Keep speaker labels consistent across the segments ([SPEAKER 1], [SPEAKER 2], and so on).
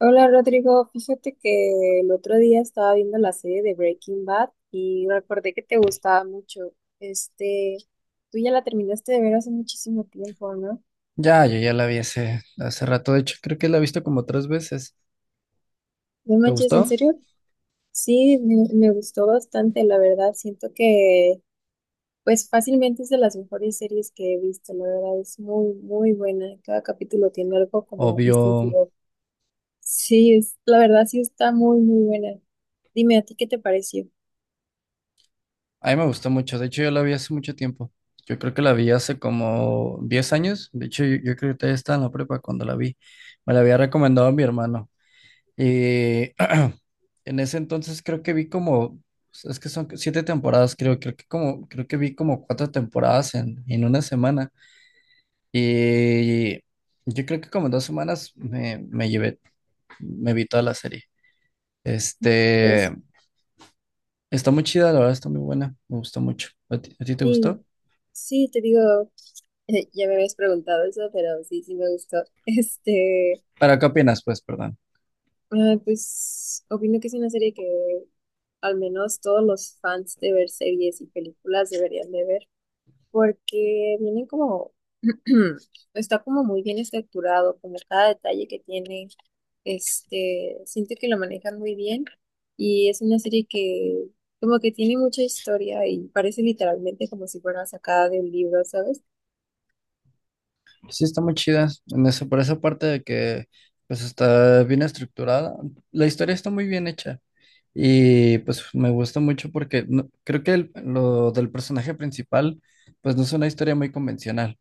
[SPEAKER 1] Hola Rodrigo, fíjate que el otro día estaba viendo la serie de Breaking Bad y recordé que te gustaba mucho. Este, tú ya la terminaste de ver hace muchísimo tiempo, ¿no?
[SPEAKER 2] Ya, yo ya la vi hace rato. De hecho, creo que la he visto como 3 veces.
[SPEAKER 1] No
[SPEAKER 2] ¿Te
[SPEAKER 1] manches, ¿en
[SPEAKER 2] gustó?
[SPEAKER 1] serio? Sí, me gustó bastante, la verdad. Siento que, pues fácilmente es de las mejores series que he visto, la verdad. Es muy, muy buena. Cada capítulo tiene algo como
[SPEAKER 2] Obvio.
[SPEAKER 1] distintivo. Sí, es, la verdad sí está muy, muy buena. Dime, ¿a ti qué te pareció?
[SPEAKER 2] A mí me gustó mucho. De hecho, yo la vi hace mucho tiempo. Yo creo que la vi hace como 10 años. De hecho, yo creo que todavía estaba en la prepa cuando la vi. Me la había recomendado mi hermano. Y en ese entonces creo que vi como, es que son 7 temporadas, creo, creo que como, creo que vi como 4 temporadas en 1 semana. Y yo creo que como en 2 semanas me llevé, me vi toda la serie. Este, Está muy chida, la verdad, está muy buena, me gustó mucho. ¿A ti te
[SPEAKER 1] Sí,
[SPEAKER 2] gustó?
[SPEAKER 1] sí, te digo, ya me habías preguntado eso, pero sí, sí me gustó. Este,
[SPEAKER 2] ¿Para qué opinas, pues, perdón?
[SPEAKER 1] pues opino que es una serie que al menos todos los fans de ver series y películas deberían de ver, porque vienen como, está como muy bien estructurado, como cada detalle que tiene. Siento que lo manejan muy bien y es una serie que como que tiene mucha historia y parece literalmente como si fuera sacada de un libro, ¿sabes?
[SPEAKER 2] Sí, está muy chida, por esa parte de que, pues, está bien estructurada. La historia está muy bien hecha y, pues, me gusta mucho porque creo que lo del personaje principal, pues, no es una historia muy convencional.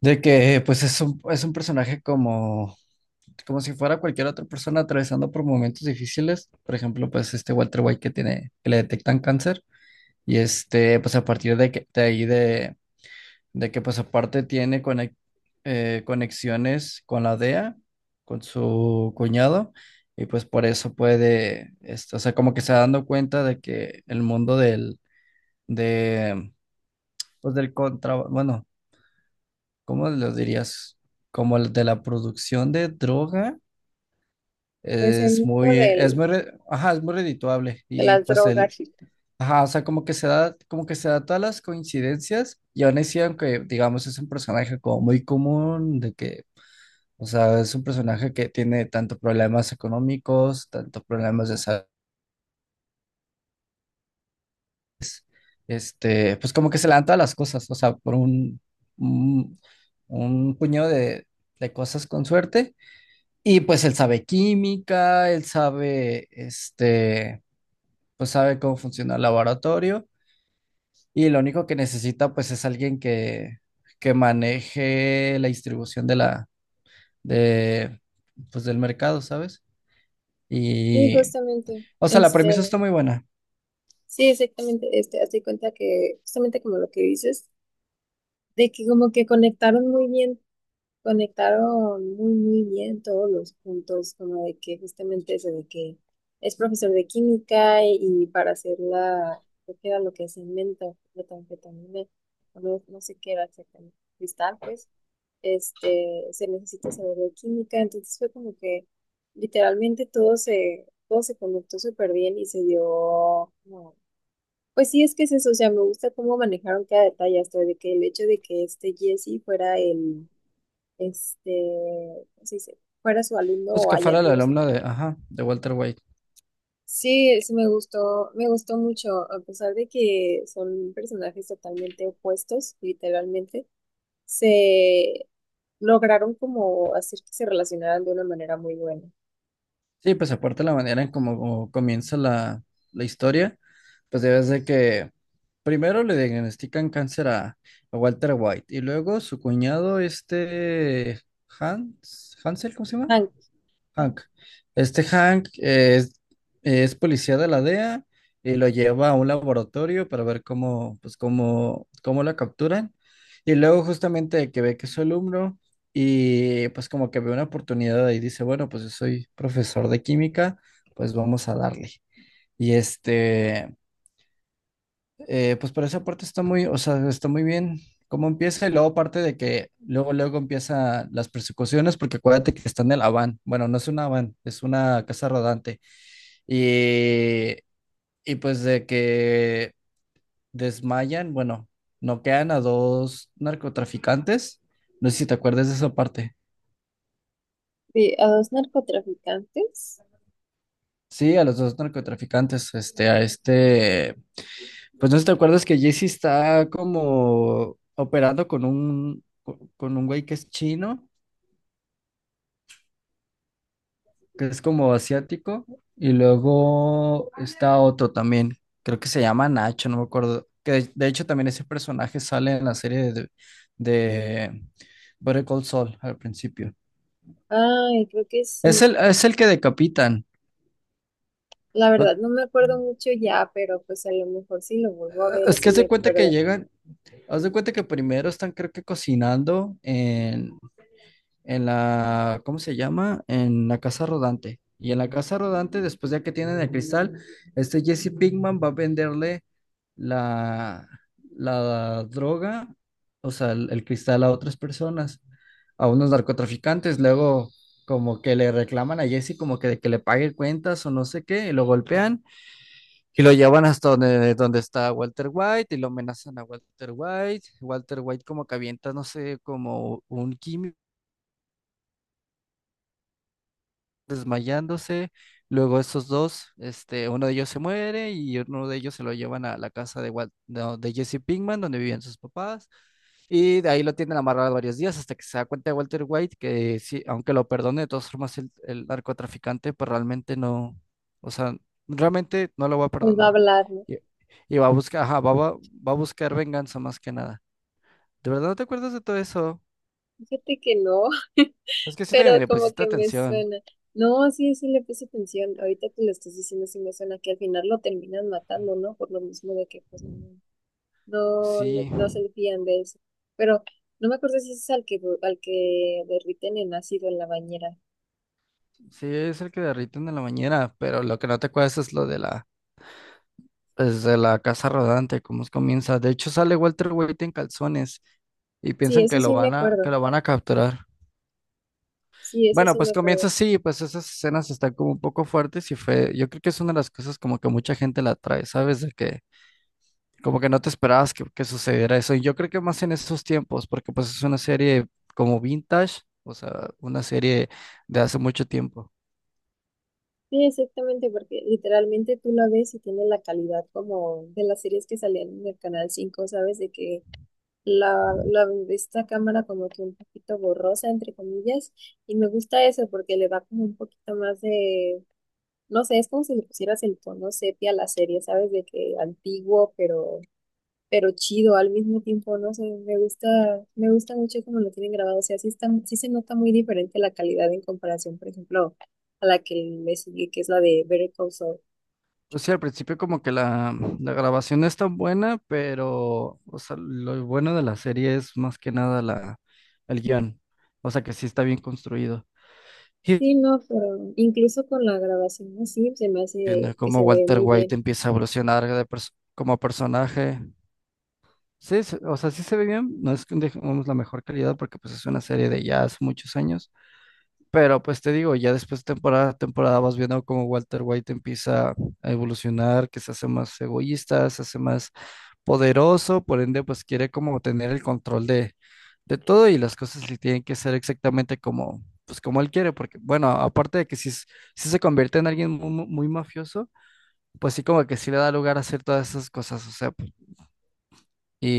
[SPEAKER 2] De que, pues, es un personaje como, como si fuera cualquier otra persona atravesando por momentos difíciles. Por ejemplo, pues, este Walter White que tiene, que le detectan cáncer. Y este, pues a partir de, que, de ahí, de que pues aparte tiene conexiones con la DEA, con su cuñado, y pues por eso puede, este, o sea, como que se está dando cuenta de que el mundo del, de, pues del bueno, ¿cómo lo dirías? Como el de la producción de droga,
[SPEAKER 1] Pues el mundo del,
[SPEAKER 2] ajá, es muy redituable,
[SPEAKER 1] de
[SPEAKER 2] y
[SPEAKER 1] las
[SPEAKER 2] pues el,
[SPEAKER 1] drogas.
[SPEAKER 2] ajá. O sea, como que se da todas las coincidencias y aún así, aunque digamos es un personaje como muy común, de que, o sea, es un personaje que tiene tanto problemas económicos, tanto problemas de salud, este, pues como que se le dan todas las cosas, o sea, un, un puñado de cosas con suerte y pues él sabe química, él sabe, este, pues sabe cómo funciona el laboratorio. Y lo único que necesita pues es alguien que maneje la distribución de la, de, pues del mercado, ¿sabes?
[SPEAKER 1] Sí,
[SPEAKER 2] Y,
[SPEAKER 1] justamente,
[SPEAKER 2] o sea, la premisa está muy buena.
[SPEAKER 1] sí, exactamente, hazte cuenta que justamente como lo que dices, de que como que conectaron muy bien. Conectaron muy, muy bien todos los puntos, como de que justamente eso de que es profesor de química y para hacer la, creo que era lo que es cemento, metanfetamina, o no, no sé qué era exactamente, cristal, pues, se necesita saber de química, entonces fue como que literalmente todo se conectó súper bien y se dio, como pues sí, es que es eso, o sea, me gusta cómo manejaron cada detalle, hasta de que el hecho de que este Jesse fuera el este, ¿cómo se dice? Fuera su alumno
[SPEAKER 2] Pues
[SPEAKER 1] o
[SPEAKER 2] que
[SPEAKER 1] haya
[SPEAKER 2] fuera el
[SPEAKER 1] sido su
[SPEAKER 2] alumno
[SPEAKER 1] alumno.
[SPEAKER 2] de, ajá, de Walter White.
[SPEAKER 1] Sí, sí me gustó mucho, a pesar de que son personajes totalmente opuestos, literalmente, se lograron como hacer que se relacionaran de una manera muy buena.
[SPEAKER 2] Sí, pues aparte la manera en cómo comienza la, la historia, pues debes de que primero le diagnostican cáncer a Walter White y luego su cuñado, este Hans, Hansel, ¿cómo se llama?
[SPEAKER 1] Hank,
[SPEAKER 2] Hank. Este Hank es policía de la DEA y lo lleva a un laboratorio para ver cómo, cómo la capturan. Y luego justamente que ve que es su alumno y pues como que ve una oportunidad y dice, bueno, pues yo soy profesor de química, pues vamos a darle. Y este, pues por esa parte está muy, o sea, está muy bien cómo empieza y luego parte de que luego empiezan las persecuciones porque acuérdate que está en el Avan. Bueno, no es una van, es una casa rodante. Y, y pues de que desmayan, bueno, noquean a 2 narcotraficantes. No sé si te acuerdas de esa parte.
[SPEAKER 1] sí, a dos narcotraficantes.
[SPEAKER 2] Sí, a los 2 narcotraficantes, pues no sé si te acuerdas que Jesse está como operando con un güey que es chino, que es como asiático, y luego está otro también, creo que se llama Nacho, no me acuerdo, que de hecho también ese personaje sale en la serie de Better Call Saul al principio.
[SPEAKER 1] Ay, creo que sí.
[SPEAKER 2] Es el que decapitan,
[SPEAKER 1] La
[SPEAKER 2] ¿no?
[SPEAKER 1] verdad, no me acuerdo mucho ya, pero pues a lo mejor si lo vuelvo a ver,
[SPEAKER 2] Es que
[SPEAKER 1] sí me acuerdo.
[SPEAKER 2] haz de cuenta que primero están creo que cocinando en ¿cómo se llama? En la casa rodante. Y en la casa rodante, después ya que tienen el cristal, este Jesse Pinkman va a venderle la, la droga, o sea, el cristal a otras personas, a unos narcotraficantes. Luego, como que le reclaman a Jesse como que, de que le pague cuentas o no sé qué, y lo golpean y lo llevan hasta donde está Walter White y lo amenazan a Walter White. Walter White como que avienta, no sé, como un químico desmayándose. Luego esos dos, este, uno de ellos se muere y uno de ellos se lo llevan a la casa de, Wal- no, de Jesse Pinkman, donde vivían sus papás. Y de ahí lo tienen amarrado varios días hasta que se da cuenta de Walter White que sí, aunque lo perdone, de todas formas el narcotraficante, pues realmente no, o sea, realmente no lo va a
[SPEAKER 1] Pues va a
[SPEAKER 2] perdonar.
[SPEAKER 1] hablar, ¿no?
[SPEAKER 2] Y, y va a buscar, ajá, va a buscar venganza más que nada. ¿De verdad no te acuerdas de todo eso?
[SPEAKER 1] Fíjate que no,
[SPEAKER 2] Es que siento que ni
[SPEAKER 1] pero
[SPEAKER 2] le
[SPEAKER 1] como
[SPEAKER 2] pusiste
[SPEAKER 1] que me
[SPEAKER 2] atención.
[SPEAKER 1] suena. No, sí, sí le puse atención. Ahorita que lo estás diciendo, sí me suena que al final lo terminan matando, ¿no? Por lo mismo de que pues no, no, no,
[SPEAKER 2] Sí.
[SPEAKER 1] no se le fían de eso. Pero no me acuerdo si es al que derriten en ácido en la bañera.
[SPEAKER 2] Sí, es el que derriten en la bañera, pero lo que no te acuerdas es lo de la, es de la casa rodante, comienza. De hecho, sale Walter White en calzones y
[SPEAKER 1] Sí,
[SPEAKER 2] piensan
[SPEAKER 1] eso
[SPEAKER 2] que
[SPEAKER 1] sí me
[SPEAKER 2] que
[SPEAKER 1] acuerdo.
[SPEAKER 2] lo van a capturar.
[SPEAKER 1] Sí, eso
[SPEAKER 2] Bueno,
[SPEAKER 1] sí me
[SPEAKER 2] pues comienza
[SPEAKER 1] acuerdo.
[SPEAKER 2] así, pues esas escenas están como un poco fuertes y fue, yo creo que es una de las cosas como que mucha gente la trae, ¿sabes? De que como que no te esperabas que sucediera eso. Y yo creo que más en esos tiempos, porque pues es una serie como vintage, o sea, una serie de hace mucho tiempo.
[SPEAKER 1] Sí, exactamente, porque literalmente tú la ves y tiene la calidad como de las series que salían en el Canal Cinco, ¿sabes? De que de esta cámara como que un poquito borrosa, entre comillas, y me gusta eso porque le da como un poquito más de, no sé, es como si le pusieras el tono sepia a la serie, ¿sabes? De que antiguo, pero chido al mismo tiempo, no sé, me gusta mucho como lo tienen grabado, o sea, sí está, sí se nota muy diferente la calidad en comparación, por ejemplo, a la que le sigue, que es la de Better Call Saul.
[SPEAKER 2] Pues sí, al principio como que la grabación no es tan buena, pero o sea, lo bueno de la serie es más que nada la, el guión. O sea que sí está bien construido. Y
[SPEAKER 1] Sí, no, pero incluso con la grabación así se me hace
[SPEAKER 2] viendo
[SPEAKER 1] que
[SPEAKER 2] cómo
[SPEAKER 1] se ve
[SPEAKER 2] Walter
[SPEAKER 1] muy
[SPEAKER 2] White
[SPEAKER 1] bien.
[SPEAKER 2] empieza a evolucionar como personaje. O sea, sí se ve bien. No es que digamos la mejor calidad porque pues es una serie de ya hace muchos años. Pero pues te digo, ya después de temporada a temporada vas viendo cómo Walter White empieza a evolucionar, que se hace más egoísta, se hace más poderoso, por ende, pues quiere como tener el control de todo y las cosas le tienen que ser exactamente como, pues como él quiere, porque bueno, aparte de que si se convierte en alguien muy mafioso, pues sí como que sí le da lugar a hacer todas esas cosas, o sea,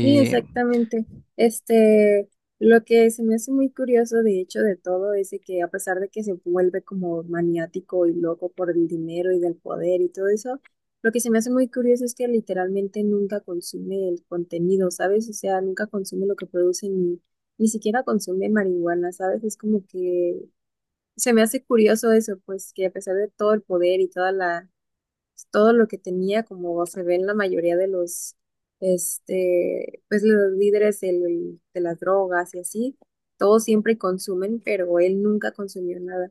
[SPEAKER 1] Sí, exactamente. Este, lo que se me hace muy curioso, de hecho, de todo es de que a pesar de que se vuelve como maniático y loco por el dinero y del poder y todo eso, lo que se me hace muy curioso es que literalmente nunca consume el contenido, ¿sabes? O sea, nunca consume lo que producen, ni siquiera consume marihuana, ¿sabes? Es como que se me hace curioso eso, pues que a pesar de todo el poder y toda la pues, todo lo que tenía, como se ve en la mayoría de los, pues los líderes del de las drogas y así, todos siempre consumen, pero él nunca consumió nada.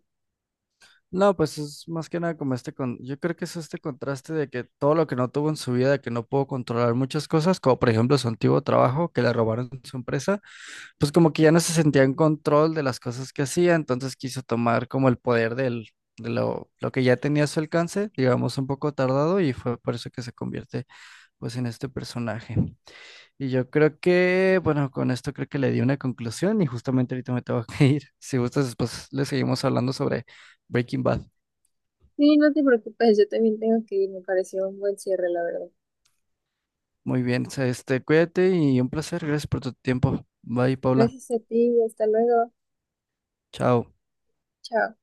[SPEAKER 2] no, pues es más que nada como yo creo que es este contraste de que todo lo que no tuvo en su vida, de que no pudo controlar muchas cosas, como por ejemplo su antiguo trabajo, que le robaron su empresa, pues como que ya no se sentía en control de las cosas que hacía, entonces quiso tomar como el poder del, de lo que ya tenía a su alcance, digamos un poco tardado, y fue por eso que se convierte pues en este personaje. Y yo creo que, bueno, con esto creo que le di una conclusión y justamente ahorita me tengo que ir. Si gustas, después le seguimos hablando sobre Breaking Bad.
[SPEAKER 1] Sí, no te preocupes, yo también tengo que ir, me pareció un buen cierre, la verdad.
[SPEAKER 2] Muy bien, este, cuídate y un placer, gracias por tu tiempo. Bye, Paula.
[SPEAKER 1] Gracias a ti, hasta luego.
[SPEAKER 2] Chao.
[SPEAKER 1] Chao.